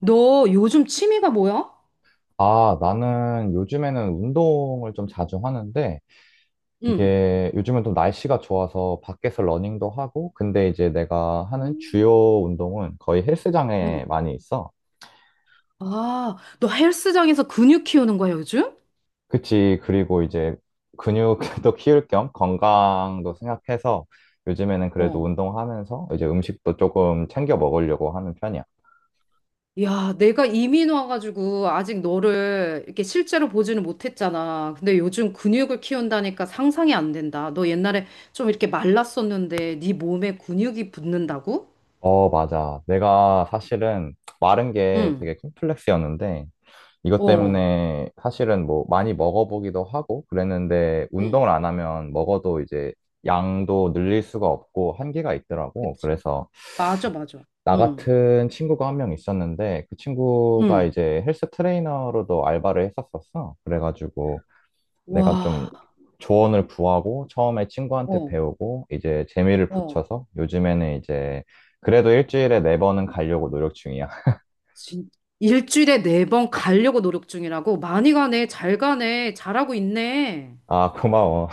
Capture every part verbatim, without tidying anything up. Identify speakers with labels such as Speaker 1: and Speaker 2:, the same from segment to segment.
Speaker 1: 너 요즘 취미가 뭐야?
Speaker 2: 아, 나는 요즘에는 운동을 좀 자주 하는데,
Speaker 1: 응,
Speaker 2: 이게 요즘은 또 날씨가 좋아서 밖에서 러닝도 하고, 근데 이제 내가 하는
Speaker 1: 음.
Speaker 2: 주요 운동은 거의 헬스장에
Speaker 1: 응,
Speaker 2: 많이 있어.
Speaker 1: 아, 너 헬스장에서 근육 키우는 거야, 요즘?
Speaker 2: 그치. 그리고 이제 근육도 키울 겸 건강도 생각해서 요즘에는 그래도
Speaker 1: 어,
Speaker 2: 운동하면서 이제 음식도 조금 챙겨 먹으려고 하는 편이야.
Speaker 1: 야, 내가 이민 와가지고 아직 너를 이렇게 실제로 보지는 못했잖아. 근데 요즘 근육을 키운다니까 상상이 안 된다. 너 옛날에 좀 이렇게 말랐었는데 네 몸에 근육이 붙는다고?
Speaker 2: 어, 맞아. 내가 사실은 마른 게
Speaker 1: 응,
Speaker 2: 되게 콤플렉스였는데, 이것
Speaker 1: 어,
Speaker 2: 때문에 사실은 뭐 많이 먹어보기도 하고 그랬는데
Speaker 1: 응,
Speaker 2: 운동을 안 하면 먹어도 이제 양도 늘릴 수가 없고 한계가 있더라고.
Speaker 1: 그치.
Speaker 2: 그래서
Speaker 1: 맞아, 맞아.
Speaker 2: 나
Speaker 1: 응,
Speaker 2: 같은 친구가 한 명 있었는데 그 친구가
Speaker 1: 응,
Speaker 2: 이제 헬스 트레이너로도 알바를 했었었어. 그래가지고 내가 좀
Speaker 1: 와,
Speaker 2: 조언을 구하고 처음에 친구한테
Speaker 1: 어,
Speaker 2: 배우고 이제 재미를
Speaker 1: 어.
Speaker 2: 붙여서 요즘에는 이제 그래도 일주일에 네 번은 가려고 노력 중이야.
Speaker 1: 진- 일주일에 네 번 가려고 노력 중이라고? 많이 가네. 잘 가네. 잘하고 있네.
Speaker 2: 아, 고마워.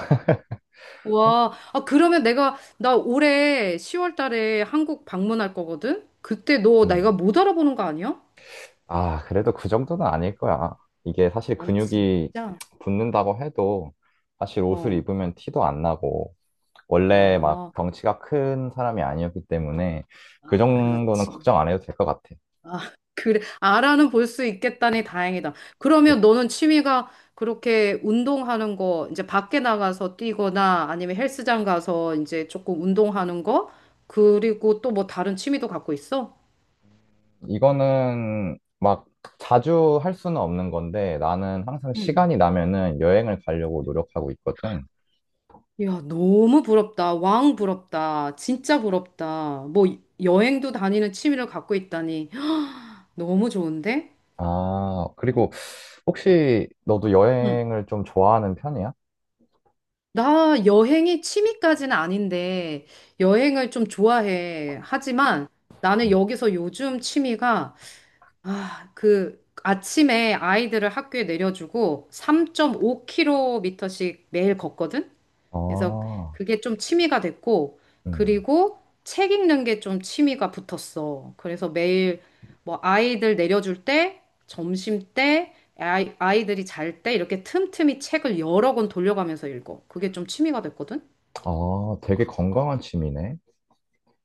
Speaker 1: 와, 아, 그러면 내가, 나 올해 시월 달에 한국 방문할 거거든? 그때 너 내가
Speaker 2: 음.
Speaker 1: 못 알아보는 거 아니야?
Speaker 2: 아, 그래도 그 정도는 아닐 거야. 이게 사실
Speaker 1: 어,
Speaker 2: 근육이
Speaker 1: 진짜?
Speaker 2: 붙는다고 해도 사실 옷을
Speaker 1: 어,
Speaker 2: 입으면 티도 안 나고 원래 막
Speaker 1: 아,
Speaker 2: 덩치가 큰 사람이 아니었기 때문에 그
Speaker 1: 아,
Speaker 2: 정도는
Speaker 1: 그렇지.
Speaker 2: 걱정 안 해도 될 것 같아.
Speaker 1: 아, 그래. 아라는 볼 수 있겠다니 다행이다. 그러면 너는 취미가 그렇게 운동하는 거, 이제 밖에 나가서 뛰거나 아니면 헬스장 가서 이제 조금 운동하는 거, 그리고 또 뭐 다른 취미도 갖고 있어?
Speaker 2: 이거는 막 자주 할 수는 없는 건데 나는 항상
Speaker 1: 응
Speaker 2: 시간이 나면은 여행을 가려고 노력하고 있거든.
Speaker 1: 이야, 너무 부럽다. 왕 부럽다. 진짜 부럽다. 뭐 여행도 다니는 취미를 갖고 있다니. 너무 좋은데?
Speaker 2: 아, 그리고 혹시 너도
Speaker 1: 응?
Speaker 2: 여행을 좀 좋아하는 편이야?
Speaker 1: 나 여행이 취미까지는 아닌데 여행을 좀 좋아해. 하지만 나는
Speaker 2: 음.
Speaker 1: 여기서 요즘 취미가 아, 그 아침에 아이들을 학교에 내려주고 삼 점 오 킬로미터씩 매일 걷거든? 그래서
Speaker 2: 아,
Speaker 1: 그게 좀 취미가 됐고,
Speaker 2: 음.
Speaker 1: 그리고 책 읽는 게 좀 취미가 붙었어. 그래서 매일 뭐 아이들 내려줄 때, 점심 때, 아이, 아이들이 잘 때 이렇게 틈틈이 책을 여러 권 돌려가면서 읽어. 그게 좀 취미가 됐거든?
Speaker 2: 아, 되게 건강한 취미네.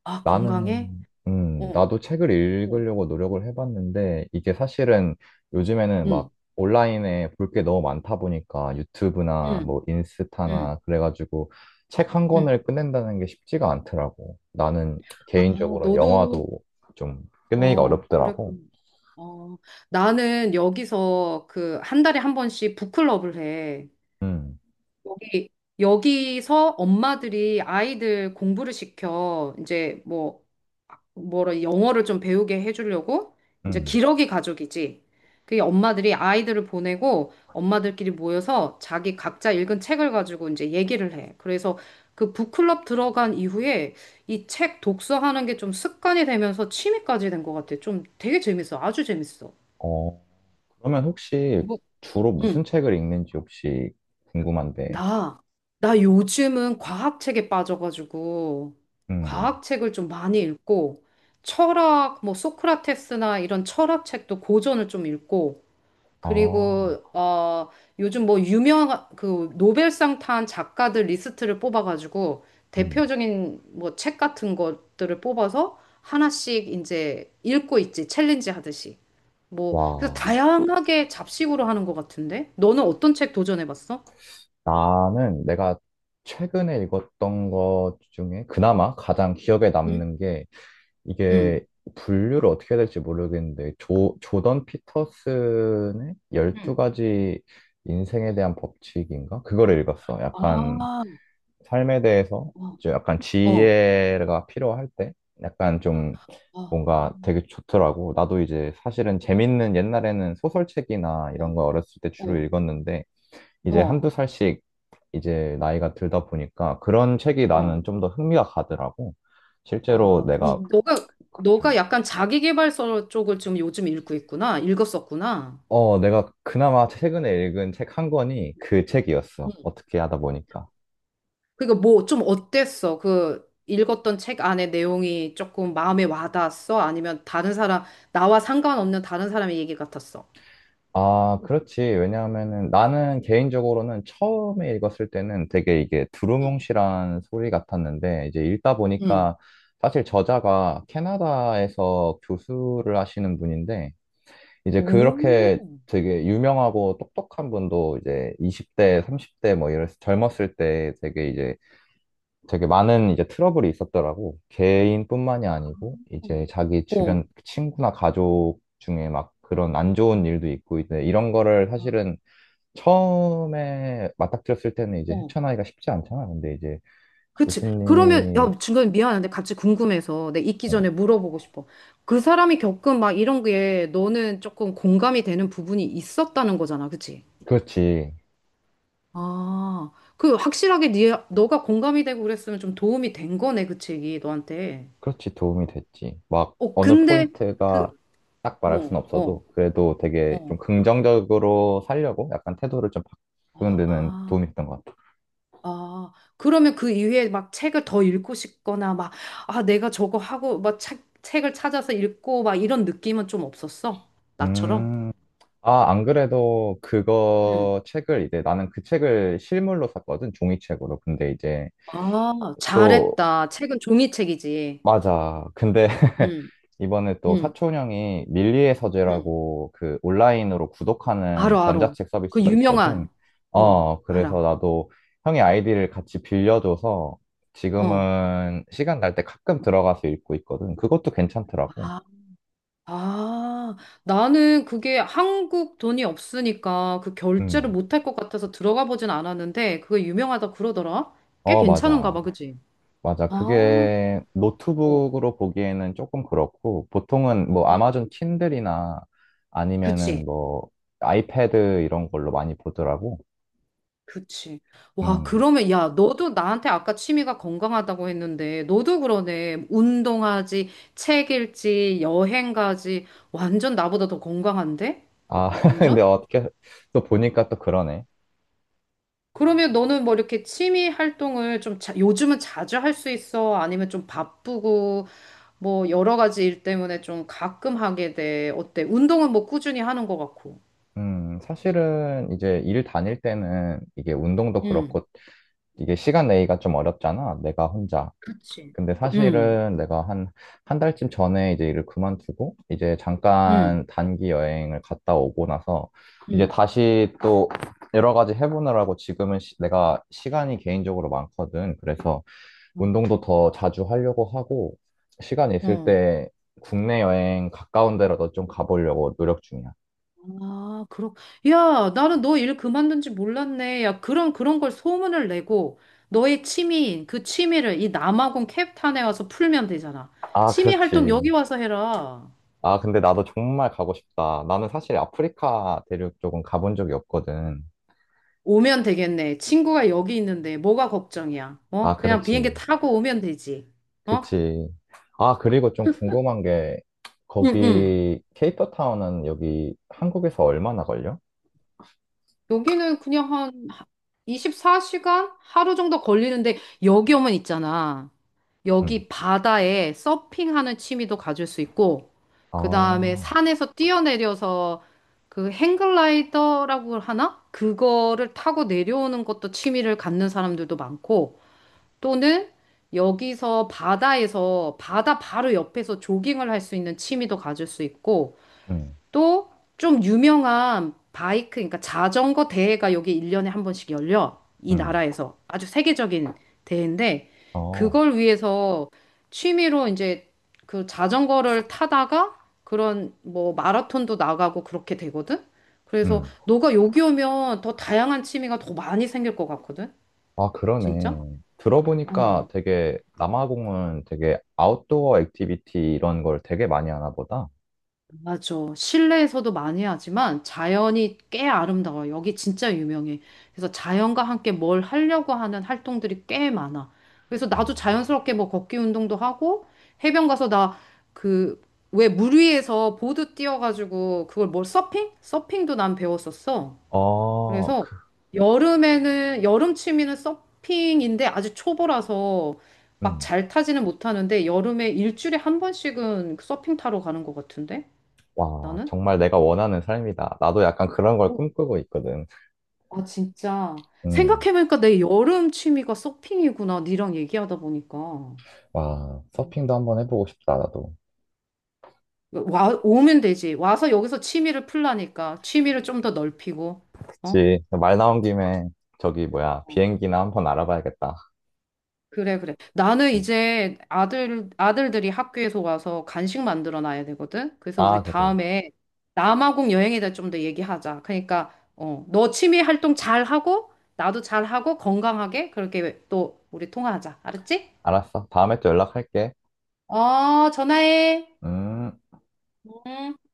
Speaker 1: 아,
Speaker 2: 나는,
Speaker 1: 건강해?
Speaker 2: 음,
Speaker 1: 어,
Speaker 2: 나도 책을
Speaker 1: 어,
Speaker 2: 읽으려고 노력을 해봤는데, 이게 사실은 요즘에는 막
Speaker 1: 응,
Speaker 2: 온라인에 볼 게 너무 많다 보니까 유튜브나
Speaker 1: 응,
Speaker 2: 뭐
Speaker 1: 응,
Speaker 2: 인스타나 그래가지고 책 한
Speaker 1: 응.
Speaker 2: 권을 끝낸다는 게 쉽지가 않더라고. 나는
Speaker 1: 아,
Speaker 2: 개인적으로는 영화도
Speaker 1: 너도,
Speaker 2: 좀 끝내기가
Speaker 1: 어,
Speaker 2: 어렵더라고.
Speaker 1: 그랬군. 어, 나는 여기서 그 한 달에 한 번씩 북클럽을 해.
Speaker 2: 음,
Speaker 1: 여기, 여기서 엄마들이 아이들 공부를 시켜. 이제 뭐, 뭐라, 영어를 좀 배우게 해주려고. 이제
Speaker 2: 음.
Speaker 1: 기러기 가족이지. 그게 엄마들이 아이들을 보내고 엄마들끼리 모여서 자기 각자 읽은 책을 가지고 이제 얘기를 해. 그래서 그 북클럽 들어간 이후에 이 책 독서하는 게 좀 습관이 되면서 취미까지 된 것 같아. 좀 되게 재밌어. 아주 재밌어.
Speaker 2: 어, 그러면 혹시
Speaker 1: 뭐,
Speaker 2: 주로 무슨
Speaker 1: 응.
Speaker 2: 책을 읽는지 혹시 궁금한데,
Speaker 1: 나, 나 요즘은 과학책에 빠져가지고,
Speaker 2: 음,
Speaker 1: 과학책을 좀 많이 읽고, 철학, 뭐, 소크라테스나 이런 철학책도 고전을 좀 읽고,
Speaker 2: 아,
Speaker 1: 그리고, 어, 요즘 뭐, 유명한, 그, 노벨상 탄 작가들 리스트를 뽑아가지고,
Speaker 2: 음.
Speaker 1: 대표적인 뭐, 책 같은 것들을 뽑아서 하나씩 이제 읽고 있지, 챌린지 하듯이. 뭐, 그래서
Speaker 2: 와,
Speaker 1: 다양하게 잡식으로 하는 것 같은데? 너는 어떤 책 도전해봤어?
Speaker 2: 나는 내가 최근에 읽었던 것 중에 그나마 가장 기억에
Speaker 1: 응.
Speaker 2: 남는 게
Speaker 1: 응.
Speaker 2: 이게 분류를 어떻게 해야 될지 모르겠는데 조, 조던 피터슨의
Speaker 1: 응.
Speaker 2: 열두 가지 인생에 대한 법칙인가? 그거를 읽었어. 약간
Speaker 1: 아,
Speaker 2: 삶에 대해서
Speaker 1: 어,
Speaker 2: 이제 약간
Speaker 1: 어,
Speaker 2: 지혜가 필요할 때 약간
Speaker 1: 아,
Speaker 2: 좀
Speaker 1: 아,
Speaker 2: 뭔가 되게 좋더라고. 나도 이제 사실은 재밌는 옛날에는 소설책이나 이런
Speaker 1: 어,
Speaker 2: 거 어렸을 때 주로
Speaker 1: 어,
Speaker 2: 읽었는데 이제
Speaker 1: 어,
Speaker 2: 한두 살씩 이제 나이가 들다 보니까 그런 책이
Speaker 1: 어.
Speaker 2: 나는 좀 더 흥미가 가더라고. 실제로
Speaker 1: 아,
Speaker 2: 내가
Speaker 1: 이, 너가,
Speaker 2: 그
Speaker 1: 너가
Speaker 2: 좀,
Speaker 1: 약간 자기계발서 쪽을 좀 요즘 읽고 있구나. 읽었었구나.
Speaker 2: 어, 내가 그나마 최근에 읽은 책 한 권이 그
Speaker 1: 응.
Speaker 2: 책이었어. 어떻게 하다 보니까.
Speaker 1: 그러니까 뭐 좀 어땠어? 그 읽었던 책 안에 내용이 조금 마음에 와닿았어? 아니면 다른 사람, 나와 상관없는 다른 사람의 얘기 같았어?
Speaker 2: 아, 그렇지. 왜냐하면은 나는 개인적으로는 처음에 읽었을 때는 되게 이게
Speaker 1: 응.
Speaker 2: 두루뭉실한 소리 같았는데 이제 읽다
Speaker 1: 응.
Speaker 2: 보니까 사실 저자가 캐나다에서 교수를 하시는 분인데 이제 그렇게
Speaker 1: 오.
Speaker 2: 되게 유명하고 똑똑한 분도 이제 이십 대, 삼십 대 뭐 이랬 젊었을 때 되게 이제 되게 많은 이제 트러블이 있었더라고. 개인뿐만이 아니고 이제 자기 주변
Speaker 1: 어,
Speaker 2: 친구나 가족 중에 막 그런 안 좋은 일도 있고 이제 이런 거를 사실은 처음에 맞닥뜨렸을 때는 이제
Speaker 1: 어,
Speaker 2: 헤쳐나기가 쉽지 않잖아. 근데 이제
Speaker 1: 그치. 그러면,
Speaker 2: 교수님이
Speaker 1: 야, 중간에 미안한데 같이 궁금해서 내 있기
Speaker 2: 응,
Speaker 1: 전에 물어보고 싶어. 그 사람이 겪은 막 이런 게 너는 조금 공감이 되는 부분이 있었다는 거잖아. 그치?
Speaker 2: 그렇지.
Speaker 1: 아, 그 확실하게 네, 너가 공감이 되고 그랬으면 좀 도움이 된 거네. 그치? 이게 너한테.
Speaker 2: 그렇지, 도움이 됐지. 막
Speaker 1: 어,
Speaker 2: 어느
Speaker 1: 근데
Speaker 2: 포인트가
Speaker 1: 그,
Speaker 2: 딱 말할 순
Speaker 1: 어, 어,
Speaker 2: 없어도 그래도 되게 좀
Speaker 1: 어.
Speaker 2: 긍정적으로 살려고 약간 태도를 좀 바꾸는 데는
Speaker 1: 아,
Speaker 2: 도움이 됐던 것 같아.
Speaker 1: 아. 그러면 그 이후에 막 책을 더 읽고 싶거나 막, 아, 내가 저거 하고 막 책, 책을 찾아서 읽고 막 이런 느낌은 좀 없었어? 나처럼?
Speaker 2: 음. 아, 안 그래도
Speaker 1: 음.
Speaker 2: 그거 책을 이제 나는 그 책을 실물로 샀거든, 종이책으로. 근데 이제
Speaker 1: 아,
Speaker 2: 또
Speaker 1: 잘했다. 책은 종이책이지.
Speaker 2: 맞아. 근데
Speaker 1: 응
Speaker 2: 이번에 또
Speaker 1: 응
Speaker 2: 사촌 형이 밀리의
Speaker 1: 응
Speaker 2: 서재라고 그 온라인으로 구독하는
Speaker 1: 알어, 알어.
Speaker 2: 전자책
Speaker 1: 그
Speaker 2: 서비스가 있거든.
Speaker 1: 유명한. 어,
Speaker 2: 어, 그래서
Speaker 1: 알아.
Speaker 2: 나도 형이 아이디를 같이 빌려줘서
Speaker 1: 어.
Speaker 2: 지금은 시간 날 때 가끔 들어가서 읽고 있거든. 그것도 괜찮더라고.
Speaker 1: 아, 아. 나는 그게 한국 돈이 없으니까 그 결제를
Speaker 2: 음.
Speaker 1: 못할 것 같아서 들어가 보진 않았는데 그게 유명하다 그러더라. 꽤
Speaker 2: 어,
Speaker 1: 괜찮은가
Speaker 2: 맞아.
Speaker 1: 봐, 그지?
Speaker 2: 맞아.
Speaker 1: 아,
Speaker 2: 그게
Speaker 1: 어.
Speaker 2: 노트북으로 보기에는 조금 그렇고, 보통은 뭐
Speaker 1: 응
Speaker 2: 아마존 킨들이나 아니면은
Speaker 1: 그치.
Speaker 2: 뭐 아이패드 이런 걸로 많이 보더라고.
Speaker 1: 그치. 와,
Speaker 2: 음.
Speaker 1: 그러면, 야, 너도 나한테 아까 취미가 건강하다고 했는데, 너도 그러네. 운동하지, 책 읽지, 여행 가지. 완전 나보다 더 건강한데?
Speaker 2: 아, 근데
Speaker 1: 완전?
Speaker 2: 어떻게 또 보니까 또 그러네.
Speaker 1: 그러면 너는 뭐 이렇게 취미 활동을 좀 자, 요즘은 자주 할 수 있어? 아니면 좀 바쁘고, 뭐 여러 가지 일 때문에 좀 가끔 하게 돼. 어때? 운동은 뭐 꾸준히 하는 것 같고.
Speaker 2: 음, 사실은 이제 일 다닐 때는 이게 운동도
Speaker 1: 응.
Speaker 2: 그렇고 이게 시간 내기가 좀 어렵잖아. 내가 혼자.
Speaker 1: 그치.
Speaker 2: 근데
Speaker 1: 응,
Speaker 2: 사실은 내가 한, 한 달쯤 전에 이제 일을 그만두고 이제
Speaker 1: 응,
Speaker 2: 잠깐 단기 여행을 갔다 오고 나서 이제
Speaker 1: 응.
Speaker 2: 다시 또 여러 가지 해보느라고 지금은 시- 내가 시간이 개인적으로 많거든. 그래서 운동도 더 자주 하려고 하고, 시간 있을
Speaker 1: 어.
Speaker 2: 때 국내 여행 가까운 데라도 좀 가보려고 노력 중이야.
Speaker 1: 아, 그렇. 야, 나는 너 일 그만둔 지 몰랐네. 야, 그런 그런 걸 소문을 내고 너의 취미인 그 취미를 이 남아공 캡탄에 와서 풀면 되잖아.
Speaker 2: 아,
Speaker 1: 취미
Speaker 2: 그렇지.
Speaker 1: 활동 여기 와서 해라.
Speaker 2: 아, 근데 나도 정말 가고 싶다. 나는 사실 아프리카 대륙 쪽은 가본 적이 없거든.
Speaker 1: 오면 되겠네. 친구가 여기 있는데 뭐가 걱정이야? 어?
Speaker 2: 아,
Speaker 1: 그냥 비행기
Speaker 2: 그렇지.
Speaker 1: 타고 오면 되지. 어?
Speaker 2: 그치. 아, 그리고 좀 궁금한 게,
Speaker 1: 응, 응.
Speaker 2: 거기, 케이프타운은 여기 한국에서 얼마나 걸려?
Speaker 1: 여기는 그냥 한 이십사 시간? 하루 정도 걸리는데 여기 오면 있잖아.
Speaker 2: 응.
Speaker 1: 여기 바다에 서핑하는 취미도 가질 수 있고, 그 다음에
Speaker 2: 아,
Speaker 1: 산에서 뛰어내려서 그 행글라이더라고 하나? 그거를 타고 내려오는 것도 취미를 갖는 사람들도 많고, 또는 여기서 바다에서 바다 바로 옆에서 조깅을 할 수 있는 취미도 가질 수 있고,
Speaker 2: 응,
Speaker 1: 또 좀 유명한 바이크, 그러니까 자전거 대회가 여기 일 년에 한 번씩 열려. 이
Speaker 2: 응,
Speaker 1: 나라에서. 아주 세계적인 대회인데,
Speaker 2: 어,
Speaker 1: 그걸 위해서 취미로 이제 그 자전거를 타다가 그런 뭐 마라톤도 나가고 그렇게 되거든? 그래서
Speaker 2: 응.
Speaker 1: 너가 여기 오면 더 다양한 취미가 더 많이 생길 것 같거든?
Speaker 2: 아,
Speaker 1: 진짜?
Speaker 2: 그러네.
Speaker 1: 어.
Speaker 2: 들어보니까 되게 남아공은 되게 아웃도어 액티비티 이런 걸 되게 많이 하나 보다.
Speaker 1: 맞아. 실내에서도 많이 하지만 자연이 꽤 아름다워요. 여기 진짜 유명해. 그래서 자연과 함께 뭘 하려고 하는 활동들이 꽤 많아. 그래서
Speaker 2: 어,
Speaker 1: 나도 자연스럽게 뭐 걷기 운동도 하고 해변 가서 나 그 왜 물 위에서 보드 띄워가지고 그걸 뭘 서핑? 서핑도 난 배웠었어.
Speaker 2: 어,
Speaker 1: 그래서
Speaker 2: 그,
Speaker 1: 여름에는 여름 취미는 서핑인데 아직 초보라서 막
Speaker 2: 음.
Speaker 1: 잘 타지는 못하는데 여름에 일주일에 한 번씩은 서핑 타러 가는 것 같은데
Speaker 2: 와,
Speaker 1: 나는?
Speaker 2: 정말 내가 원하는 삶이다. 나도 약간 그런 걸
Speaker 1: 오,
Speaker 2: 꿈꾸고 있거든.
Speaker 1: 아, 진짜.
Speaker 2: 음.
Speaker 1: 생각해보니까 내 여름 취미가 서핑이구나. 니랑 얘기하다 보니까.
Speaker 2: 와, 서핑도 한번 해보고 싶다, 나도.
Speaker 1: 와, 오면 되지. 와서 여기서 취미를 풀라니까. 취미를 좀 더 넓히고. 어?
Speaker 2: 그치. 말 나온 김에 저기 뭐야,
Speaker 1: 어,
Speaker 2: 비행기나 한번 알아봐야겠다.
Speaker 1: 그래, 그래. 나는 이제 아들, 아들들이 학교에서 와서 간식 만들어 놔야 되거든. 그래서
Speaker 2: 아,
Speaker 1: 우리
Speaker 2: 그래.
Speaker 1: 다음에 남아공 여행에 대해 좀 더 얘기하자. 그러니까, 어, 너 취미 활동 잘하고, 나도 잘하고, 건강하게 그렇게 또 우리 통화하자. 알았지?
Speaker 2: 알았어. 다음에 또 연락할게.
Speaker 1: 어, 전화해.
Speaker 2: 음.
Speaker 1: 응.